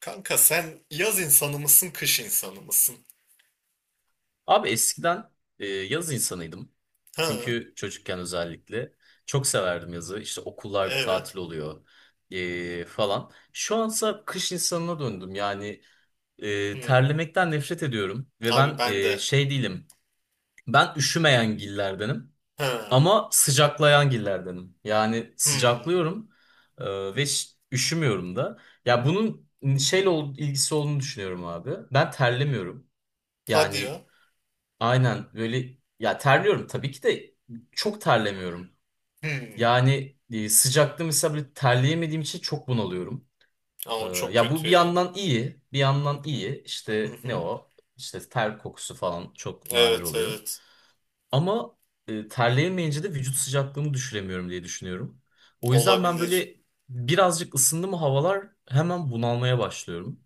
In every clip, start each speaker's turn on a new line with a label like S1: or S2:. S1: Kanka sen yaz insanı mısın, kış insanı mısın?
S2: Abi eskiden yaz insanıydım.
S1: Ha,
S2: Çünkü çocukken özellikle çok severdim yazı. İşte okullar bir
S1: evet.
S2: tatil oluyor falan. Şu ansa kış insanına döndüm. Yani
S1: Hmm.
S2: terlemekten nefret ediyorum. Ve
S1: Abi
S2: ben
S1: ben de.
S2: şey değilim. Ben üşümeyen gillerdenim.
S1: Ha.
S2: Ama sıcaklayan gillerdenim. Yani
S1: Hmm.
S2: sıcaklıyorum ve üşümüyorum da. Ya bunun şeyle ilgisi olduğunu düşünüyorum abi. Ben terlemiyorum.
S1: Hadi ya.
S2: Yani aynen böyle ya, terliyorum tabii ki de çok terlemiyorum.
S1: Hmm.
S2: Yani sıcakta mesela böyle terleyemediğim için çok bunalıyorum.
S1: Ama çok
S2: Ya bu
S1: kötü
S2: bir
S1: ya.
S2: yandan iyi, bir yandan iyi.
S1: Hı
S2: İşte ne
S1: hı.
S2: o? İşte ter kokusu falan çok nadir
S1: Evet,
S2: oluyor.
S1: evet.
S2: Ama terleyemeyince de vücut sıcaklığımı düşüremiyorum diye düşünüyorum. O yüzden ben
S1: Olabilir.
S2: böyle birazcık ısındı mı havalar hemen bunalmaya başlıyorum.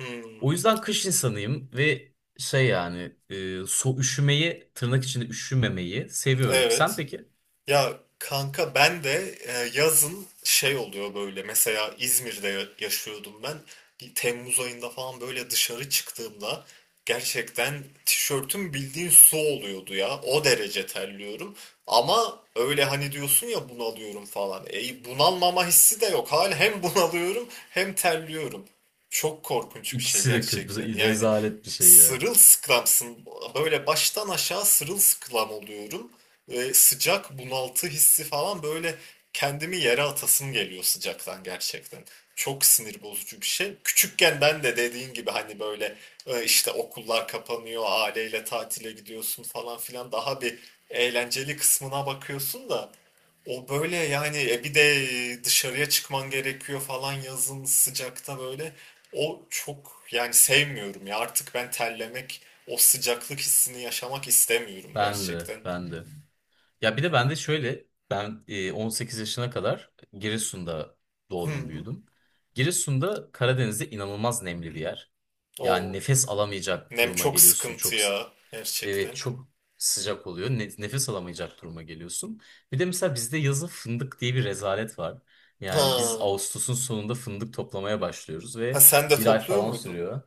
S1: Hmm.
S2: O yüzden kış insanıyım ve şey, yani üşümeyi tırnak içinde üşümemeyi seviyorum. Sen
S1: Evet.
S2: peki?
S1: Ya kanka ben de yazın şey oluyor böyle mesela İzmir'de yaşıyordum ben. Bir Temmuz ayında falan böyle dışarı çıktığımda gerçekten tişörtüm bildiğin su oluyordu ya, o derece terliyorum ama öyle hani diyorsun ya bunalıyorum falan, bunalmama hissi de yok hala, hem bunalıyorum hem terliyorum, çok korkunç bir şey
S2: İkisi de kötü.
S1: gerçekten yani.
S2: Rezalet bir şey ya.
S1: Sırılsıklamsın, böyle baştan aşağı sırılsıklam oluyorum, sıcak bunaltı hissi falan böyle, kendimi yere atasım geliyor sıcaktan gerçekten. Çok sinir bozucu bir şey. Küçükken ben de dediğin gibi hani böyle işte okullar kapanıyor, aileyle tatile gidiyorsun falan filan, daha bir eğlenceli kısmına bakıyorsun da o böyle yani bir de dışarıya çıkman gerekiyor falan yazın sıcakta böyle. O çok yani sevmiyorum ya artık ben terlemek, o sıcaklık hissini yaşamak istemiyorum
S2: Ben de
S1: gerçekten.
S2: ben de. Ya bir de ben de şöyle, ben 18 yaşına kadar Giresun'da
S1: Hı
S2: doğdum
S1: hı.
S2: büyüdüm. Giresun'da, Karadeniz'de, inanılmaz nemli bir yer. Yani
S1: Oo.
S2: nefes alamayacak
S1: Nem
S2: duruma
S1: çok
S2: geliyorsun
S1: sıkıntı
S2: çok.
S1: ya.
S2: Evet,
S1: Gerçekten.
S2: çok sıcak oluyor. Nefes alamayacak duruma geliyorsun. Bir de mesela bizde yazın fındık diye bir rezalet var. Yani biz
S1: Ha.
S2: Ağustos'un sonunda fındık toplamaya başlıyoruz
S1: Ha
S2: ve
S1: sen de
S2: bir ay
S1: topluyor
S2: falan
S1: muydun?
S2: sürüyor.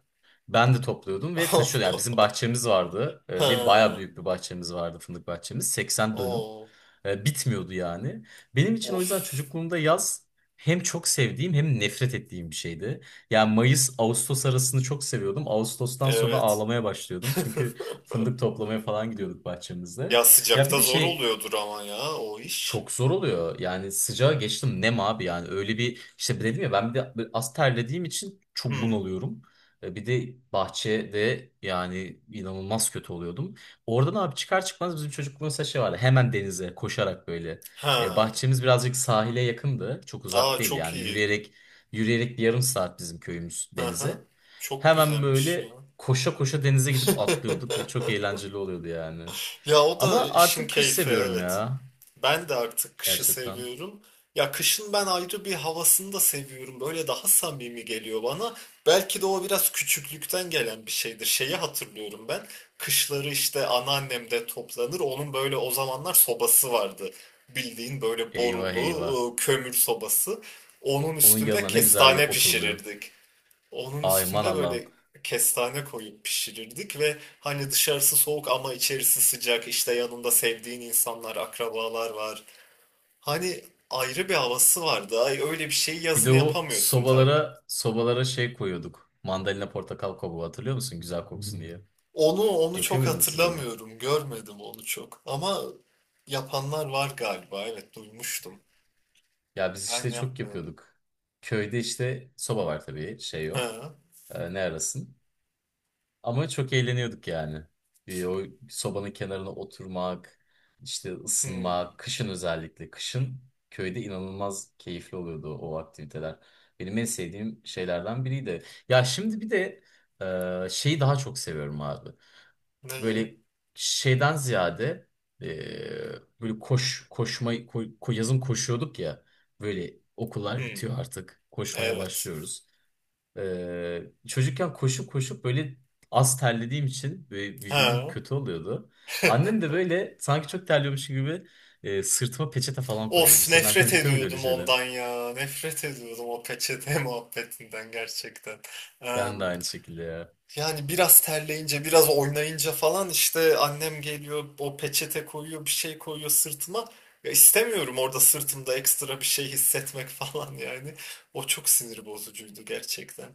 S2: Ben de topluyordum ve taşıyordum. Yani bizim bahçemiz vardı, ve bayağı
S1: Ha.
S2: büyük bir bahçemiz vardı, fındık bahçemiz. 80 dönüm.
S1: Oo.
S2: Bitmiyordu yani. Benim için o yüzden
S1: Of.
S2: çocukluğumda yaz hem çok sevdiğim hem nefret ettiğim bir şeydi. Yani Mayıs-Ağustos arasını çok seviyordum. Ağustos'tan sonra
S1: Evet.
S2: ağlamaya başlıyordum. Çünkü fındık toplamaya falan gidiyorduk bahçemizde.
S1: Ya
S2: Ya bir
S1: sıcakta
S2: de
S1: zor
S2: şey
S1: oluyordur ama ya o iş.
S2: çok zor oluyor. Yani sıcağa geçtim, nem abi, yani öyle bir, işte dedim ya, ben bir de böyle az terlediğim için çok
S1: Hmm.
S2: bunalıyorum. Bir de bahçede yani inanılmaz kötü oluyordum. Oradan abi çıkar çıkmaz bizim çocukluğumuzda şey vardı. Hemen denize koşarak böyle.
S1: Ha.
S2: Bahçemiz birazcık sahile yakındı. Çok uzak
S1: Aa
S2: değil
S1: çok
S2: yani,
S1: iyi.
S2: yürüyerek bir yarım saat bizim köyümüz
S1: Hı
S2: denize.
S1: hı. Çok
S2: Hemen
S1: güzelmiş ya.
S2: böyle koşa koşa denize gidip atlıyorduk ve çok eğlenceli oluyordu yani.
S1: Ya o da
S2: Ama
S1: işin
S2: artık kış
S1: keyfi,
S2: seviyorum
S1: evet.
S2: ya,
S1: Ben de artık kışı
S2: gerçekten.
S1: seviyorum. Ya kışın ben ayrı bir havasını da seviyorum. Böyle daha samimi geliyor bana. Belki de o biraz küçüklükten gelen bir şeydir. Şeyi hatırlıyorum ben. Kışları işte anneannem de toplanır. Onun böyle o zamanlar sobası vardı. Bildiğin böyle
S2: Eyvah eyvah.
S1: borulu kömür sobası. Onun
S2: Onun
S1: üstünde
S2: yanına ne güzel
S1: kestane
S2: oturuluyor.
S1: pişirirdik. Onun
S2: Aman
S1: üstünde
S2: Allah'ım.
S1: böyle kestane koyup pişirirdik ve hani dışarısı soğuk ama içerisi sıcak. İşte yanında sevdiğin insanlar, akrabalar var. Hani ayrı bir havası vardı. Ay öyle bir şeyi
S2: Bir de
S1: yazın
S2: o
S1: yapamıyorsun tabii.
S2: sobalara şey koyuyorduk. Mandalina, portakal kabuğu, hatırlıyor musun? Güzel koksun, hmm, diye.
S1: Onu
S2: Yapıyor
S1: çok
S2: muydunuz siz onu?
S1: hatırlamıyorum. Görmedim onu çok. Ama yapanlar var galiba. Evet, duymuştum.
S2: Ya biz
S1: Ben
S2: işte çok
S1: yapmıyordum.
S2: yapıyorduk. Köyde işte soba var tabii, şey yok.
S1: Ha.
S2: Ne arasın? Ama çok eğleniyorduk yani. Bir o sobanın kenarına oturmak, işte
S1: Hmm.
S2: ısınmak, kışın özellikle. Kışın köyde inanılmaz keyifli oluyordu o aktiviteler. Benim en sevdiğim şeylerden biriydi. Ya şimdi bir de şeyi daha çok seviyorum abi.
S1: Neyi?
S2: Böyle şeyden ziyade, e, böyle koş koşma ko- ko- yazın koşuyorduk ya. Böyle okullar
S1: Hmm.
S2: bitiyor artık. Koşmaya
S1: Evet.
S2: başlıyoruz. Çocukken koşup koşup böyle az terlediğim için ve vücudum
S1: Ha.
S2: kötü oluyordu. Annem de böyle sanki çok terliyormuş gibi sırtıma peçete falan koyuyordu.
S1: Of,
S2: Senin annen
S1: nefret
S2: yapıyor muydu öyle
S1: ediyordum
S2: şeyler?
S1: ondan ya. Nefret ediyordum o peçete muhabbetinden gerçekten. Eee,
S2: Ben de aynı şekilde ya.
S1: yani biraz terleyince, biraz oynayınca falan işte annem geliyor, o peçete koyuyor, bir şey koyuyor sırtıma. Ya istemiyorum orada sırtımda ekstra bir şey hissetmek falan yani. O çok sinir bozucuydu gerçekten.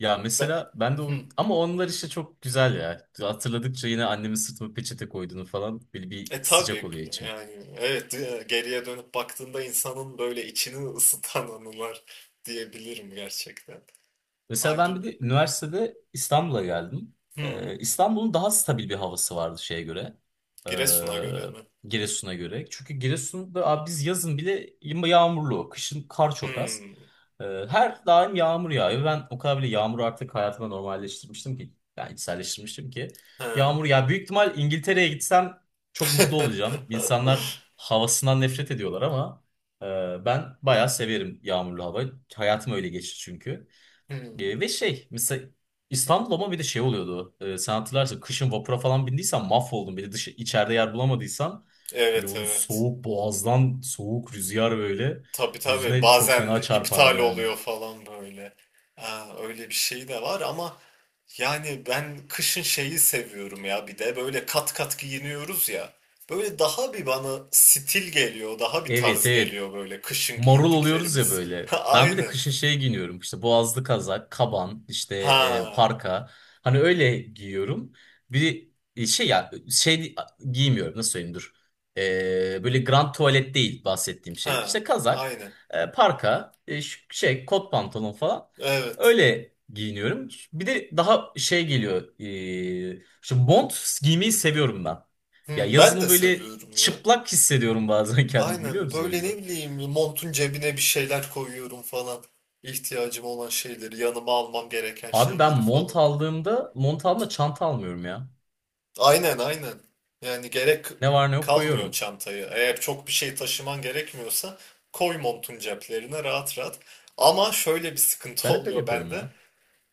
S2: Ya
S1: Ben...
S2: mesela ben de o...
S1: Hmm.
S2: ama onlar işte çok güzel ya. Hatırladıkça yine annemin sırtıma peçete koyduğunu falan böyle bir
S1: E
S2: sıcak
S1: tabii
S2: oluyor içim.
S1: yani evet, geriye dönüp baktığında insanın böyle içini ısıtan anılar diyebilirim gerçekten.
S2: Mesela
S1: Ayrı.
S2: ben bir de üniversitede İstanbul'a geldim.
S1: Hmm.
S2: İstanbul'un daha stabil bir havası vardı şeye göre.
S1: Giresun'a göre mi?
S2: Giresun'a göre. Çünkü Giresun'da abi biz yazın bile yağmurlu. Kışın kar çok az.
S1: Hmm.
S2: Her daim yağmur yağıyor. Ben o kadar bile yağmuru artık hayatıma normalleştirmiştim ki. Yani içselleştirmiştim ki.
S1: Ha.
S2: Yağmur, ya büyük ihtimal İngiltere'ye gitsem çok mutlu olacağım. İnsanlar havasından nefret ediyorlar ama ben bayağı severim yağmurlu havayı. Hayatım öyle geçti çünkü.
S1: Hmm.
S2: Ve şey mesela İstanbul, ama bir de şey oluyordu. E, sen hatırlarsın kışın vapura falan bindiysen mahvoldun. Bir de dışı, içeride yer bulamadıysan, böyle
S1: Evet,
S2: o
S1: evet.
S2: soğuk, boğazdan soğuk rüzgar böyle
S1: Tabii, tabii.
S2: yüzüne çok
S1: Bazen
S2: fena çarpardı
S1: iptal
S2: yani.
S1: oluyor falan böyle. Ha, öyle bir şey de var ama yani ben kışın şeyi seviyorum ya, bir de böyle kat kat giyiniyoruz ya. Böyle daha bir bana stil geliyor, daha bir
S2: Evet
S1: tarz
S2: evet,
S1: geliyor böyle kışın
S2: marul oluyoruz ya
S1: giyindiklerimiz.
S2: böyle. Ben bir de
S1: Aynen.
S2: kışın şey giyiniyorum. İşte boğazlı kazak, kaban, işte
S1: Ha,
S2: parka. Hani öyle giyiyorum. Bir, şey, ya şey giymiyorum, nasıl söyleyeyim, dur. E, böyle grand tuvalet değil bahsettiğim şey.
S1: ha,
S2: İşte kazak,
S1: aynen.
S2: parka, şey, kot pantolon falan.
S1: Evet.
S2: Öyle giyiniyorum. Bir de daha şey geliyor. E, şu mont giymeyi seviyorum ben. Ya
S1: Hmm, ben
S2: yazın
S1: de
S2: böyle
S1: seviyorum ya.
S2: çıplak hissediyorum bazen kendimi, biliyor
S1: Aynen
S2: musun, o
S1: böyle
S2: yüzden?
S1: ne bileyim montun cebine bir şeyler koyuyorum falan. İhtiyacım olan şeyleri, yanıma almam gereken
S2: Abi ben
S1: şeyleri
S2: mont
S1: falan.
S2: aldığımda çanta almıyorum ya.
S1: Aynen, aynen. Yani gerek
S2: Ne var ne yok
S1: kalmıyor
S2: koyuyorum.
S1: çantayı. Eğer çok bir şey taşıman gerekmiyorsa koy montun ceplerine rahat rahat. Ama şöyle bir sıkıntı
S2: Ben hep öyle
S1: oluyor
S2: yapıyorum
S1: bende.
S2: ya.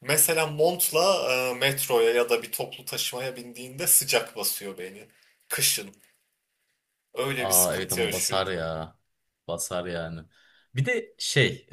S1: Mesela montla metroya ya da bir toplu taşımaya bindiğinde sıcak basıyor beni. Kışın. Öyle bir
S2: Aa evet,
S1: sıkıntı
S2: ama basar
S1: yaşıyorum.
S2: ya. Basar yani. Bir de şey,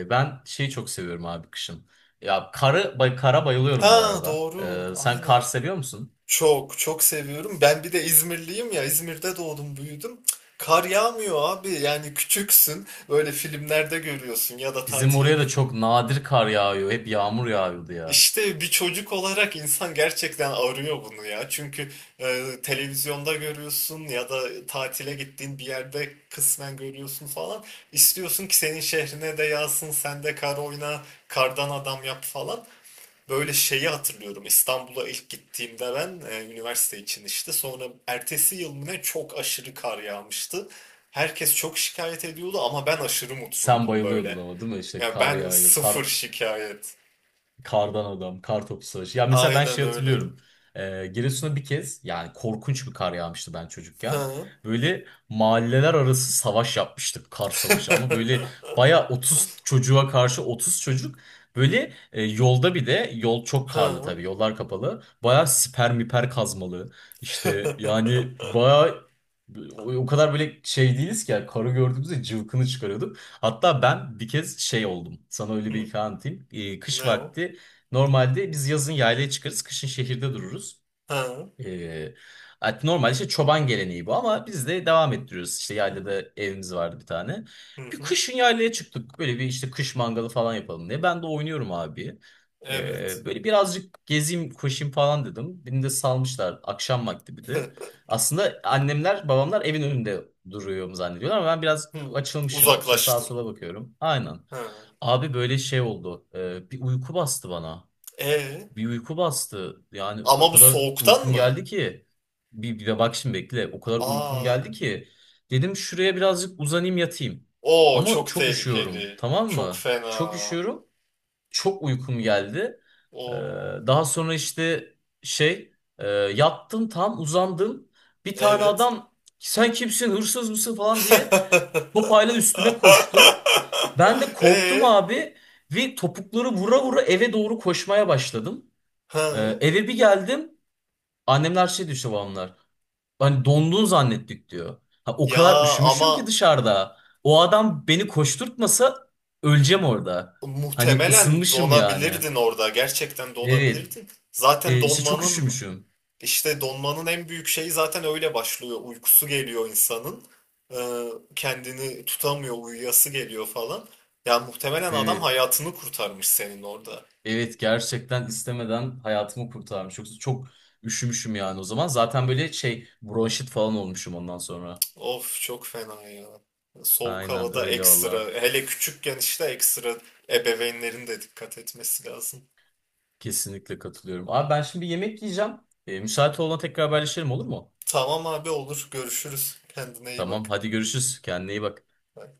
S2: ben şeyi çok seviyorum abi kışın. Ya kara bayılıyorum bu
S1: Ha,
S2: arada.
S1: doğru.
S2: E, sen kar
S1: Aynen.
S2: seviyor musun?
S1: Çok çok seviyorum. Ben bir de İzmirliyim ya. İzmir'de doğdum, büyüdüm. Kar yağmıyor abi. Yani küçüksün. Böyle filmlerde görüyorsun ya da
S2: Bizim
S1: tatile
S2: oraya
S1: git.
S2: da çok nadir kar yağıyor. Hep yağmur yağıyordu ya.
S1: İşte bir çocuk olarak insan gerçekten arıyor bunu ya. Çünkü televizyonda görüyorsun ya da tatile gittiğin bir yerde kısmen görüyorsun falan. İstiyorsun ki senin şehrine de yağsın, sen de kar oyna, kardan adam yap falan. Böyle şeyi hatırlıyorum. İstanbul'a ilk gittiğimde ben üniversite için, işte sonra ertesi yıl mı ne, çok aşırı kar yağmıştı. Herkes çok şikayet ediyordu ama ben aşırı
S2: Sen
S1: mutluydum
S2: bayılıyordun
S1: böyle.
S2: ama değil mi? İşte
S1: Ya
S2: kar
S1: ben
S2: yağıyor. Kar,
S1: sıfır şikayet.
S2: kardan adam, kar topu savaşı. Ya mesela ben
S1: Aynen
S2: şey
S1: öyle.
S2: hatırlıyorum. Giresun'a bir kez yani korkunç bir kar yağmıştı ben çocukken.
S1: Ha.
S2: Böyle mahalleler arası savaş yapmıştık, kar savaşı. Ama böyle baya 30 çocuğa karşı 30 çocuk. Böyle yolda, bir de yol çok karlı
S1: Ha.
S2: tabii, yollar kapalı. Baya siper miper kazmalı. İşte yani baya o kadar böyle şey değiliz ki yani, karı gördüğümüzde cıvkını çıkarıyorduk. Hatta ben bir kez şey oldum. Sana öyle bir
S1: Hı.
S2: hikaye anlatayım. Kış
S1: Ne o?
S2: vakti, normalde biz yazın yaylaya çıkarız, kışın şehirde dururuz.
S1: Ha.
S2: Ee, normal işte çoban geleneği bu, ama biz de devam ettiriyoruz. İşte yaylada evimiz vardı bir tane.
S1: Hı
S2: Bir
S1: hı.
S2: kışın yaylaya çıktık. Böyle bir işte kış mangalı falan yapalım diye. Ben de oynuyorum abi.
S1: Evet.
S2: Böyle birazcık gezeyim, koşayım falan dedim. Beni de salmışlar akşam vakti bir de. Aslında annemler, babamlar evin önünde duruyorum zannediyorlar ama ben biraz
S1: Hı.
S2: açılmışım. İşte sağa
S1: Uzaklaştın.
S2: sola bakıyorum. Aynen.
S1: Ha.
S2: Abi böyle şey oldu. Bir uyku bastı bana.
S1: E
S2: Bir uyku bastı. Yani o
S1: ama bu
S2: kadar
S1: soğuktan
S2: uykum
S1: mı?
S2: geldi ki. Bir, bir de bak şimdi bekle. O kadar uykum
S1: Aa.
S2: geldi ki. Dedim şuraya birazcık uzanayım, yatayım.
S1: Oo,
S2: Ama
S1: çok
S2: çok üşüyorum.
S1: tehlikeli.
S2: Tamam
S1: Çok
S2: mı? Çok
S1: fena.
S2: üşüyorum. Çok uykum geldi. Ee,
S1: Oo.
S2: daha sonra işte şey, yattım, tam uzandım. Bir tane
S1: Evet.
S2: adam, sen kimsin, hırsız mısın falan diye topayla üstüme koştu. Ben de korktum
S1: Ee?
S2: abi ve topukları vura vura eve doğru koşmaya başladım.
S1: Ha?
S2: Eve bir geldim. Annemler şey diyor, işte babamlar, hani dondun zannettik diyor. Ha, o
S1: Ya
S2: kadar üşümüşüm ki
S1: ama
S2: dışarıda. O adam beni koşturtmasa öleceğim orada. Hani
S1: muhtemelen
S2: ısınmışım yani.
S1: donabilirdin orada. Gerçekten
S2: Evet.
S1: donabilirdin. Zaten
S2: İşte çok
S1: donmanın
S2: üşümüşüm.
S1: işte donmanın en büyük şeyi zaten öyle başlıyor. Uykusu geliyor insanın. Ee, kendini tutamıyor, uyuyası geliyor falan. Ya muhtemelen adam
S2: Evet.
S1: hayatını kurtarmış senin orada.
S2: Evet, gerçekten istemeden hayatımı kurtarmış. Yoksa çok üşümüşüm yani o zaman. Zaten böyle şey, bronşit falan olmuşum ondan sonra.
S1: Of, çok fena ya. Soğuk
S2: Aynen
S1: havada
S2: öyle
S1: ekstra.
S2: valla.
S1: Hele küçükken işte ekstra ebeveynlerin de dikkat etmesi lazım.
S2: Kesinlikle katılıyorum. Abi ben şimdi yemek yiyeceğim. Müsait olana tekrar haberleşelim, olur mu?
S1: Tamam abi, olur. Görüşürüz. Kendine iyi
S2: Tamam
S1: bak.
S2: hadi görüşürüz. Kendine iyi bak.
S1: Bye.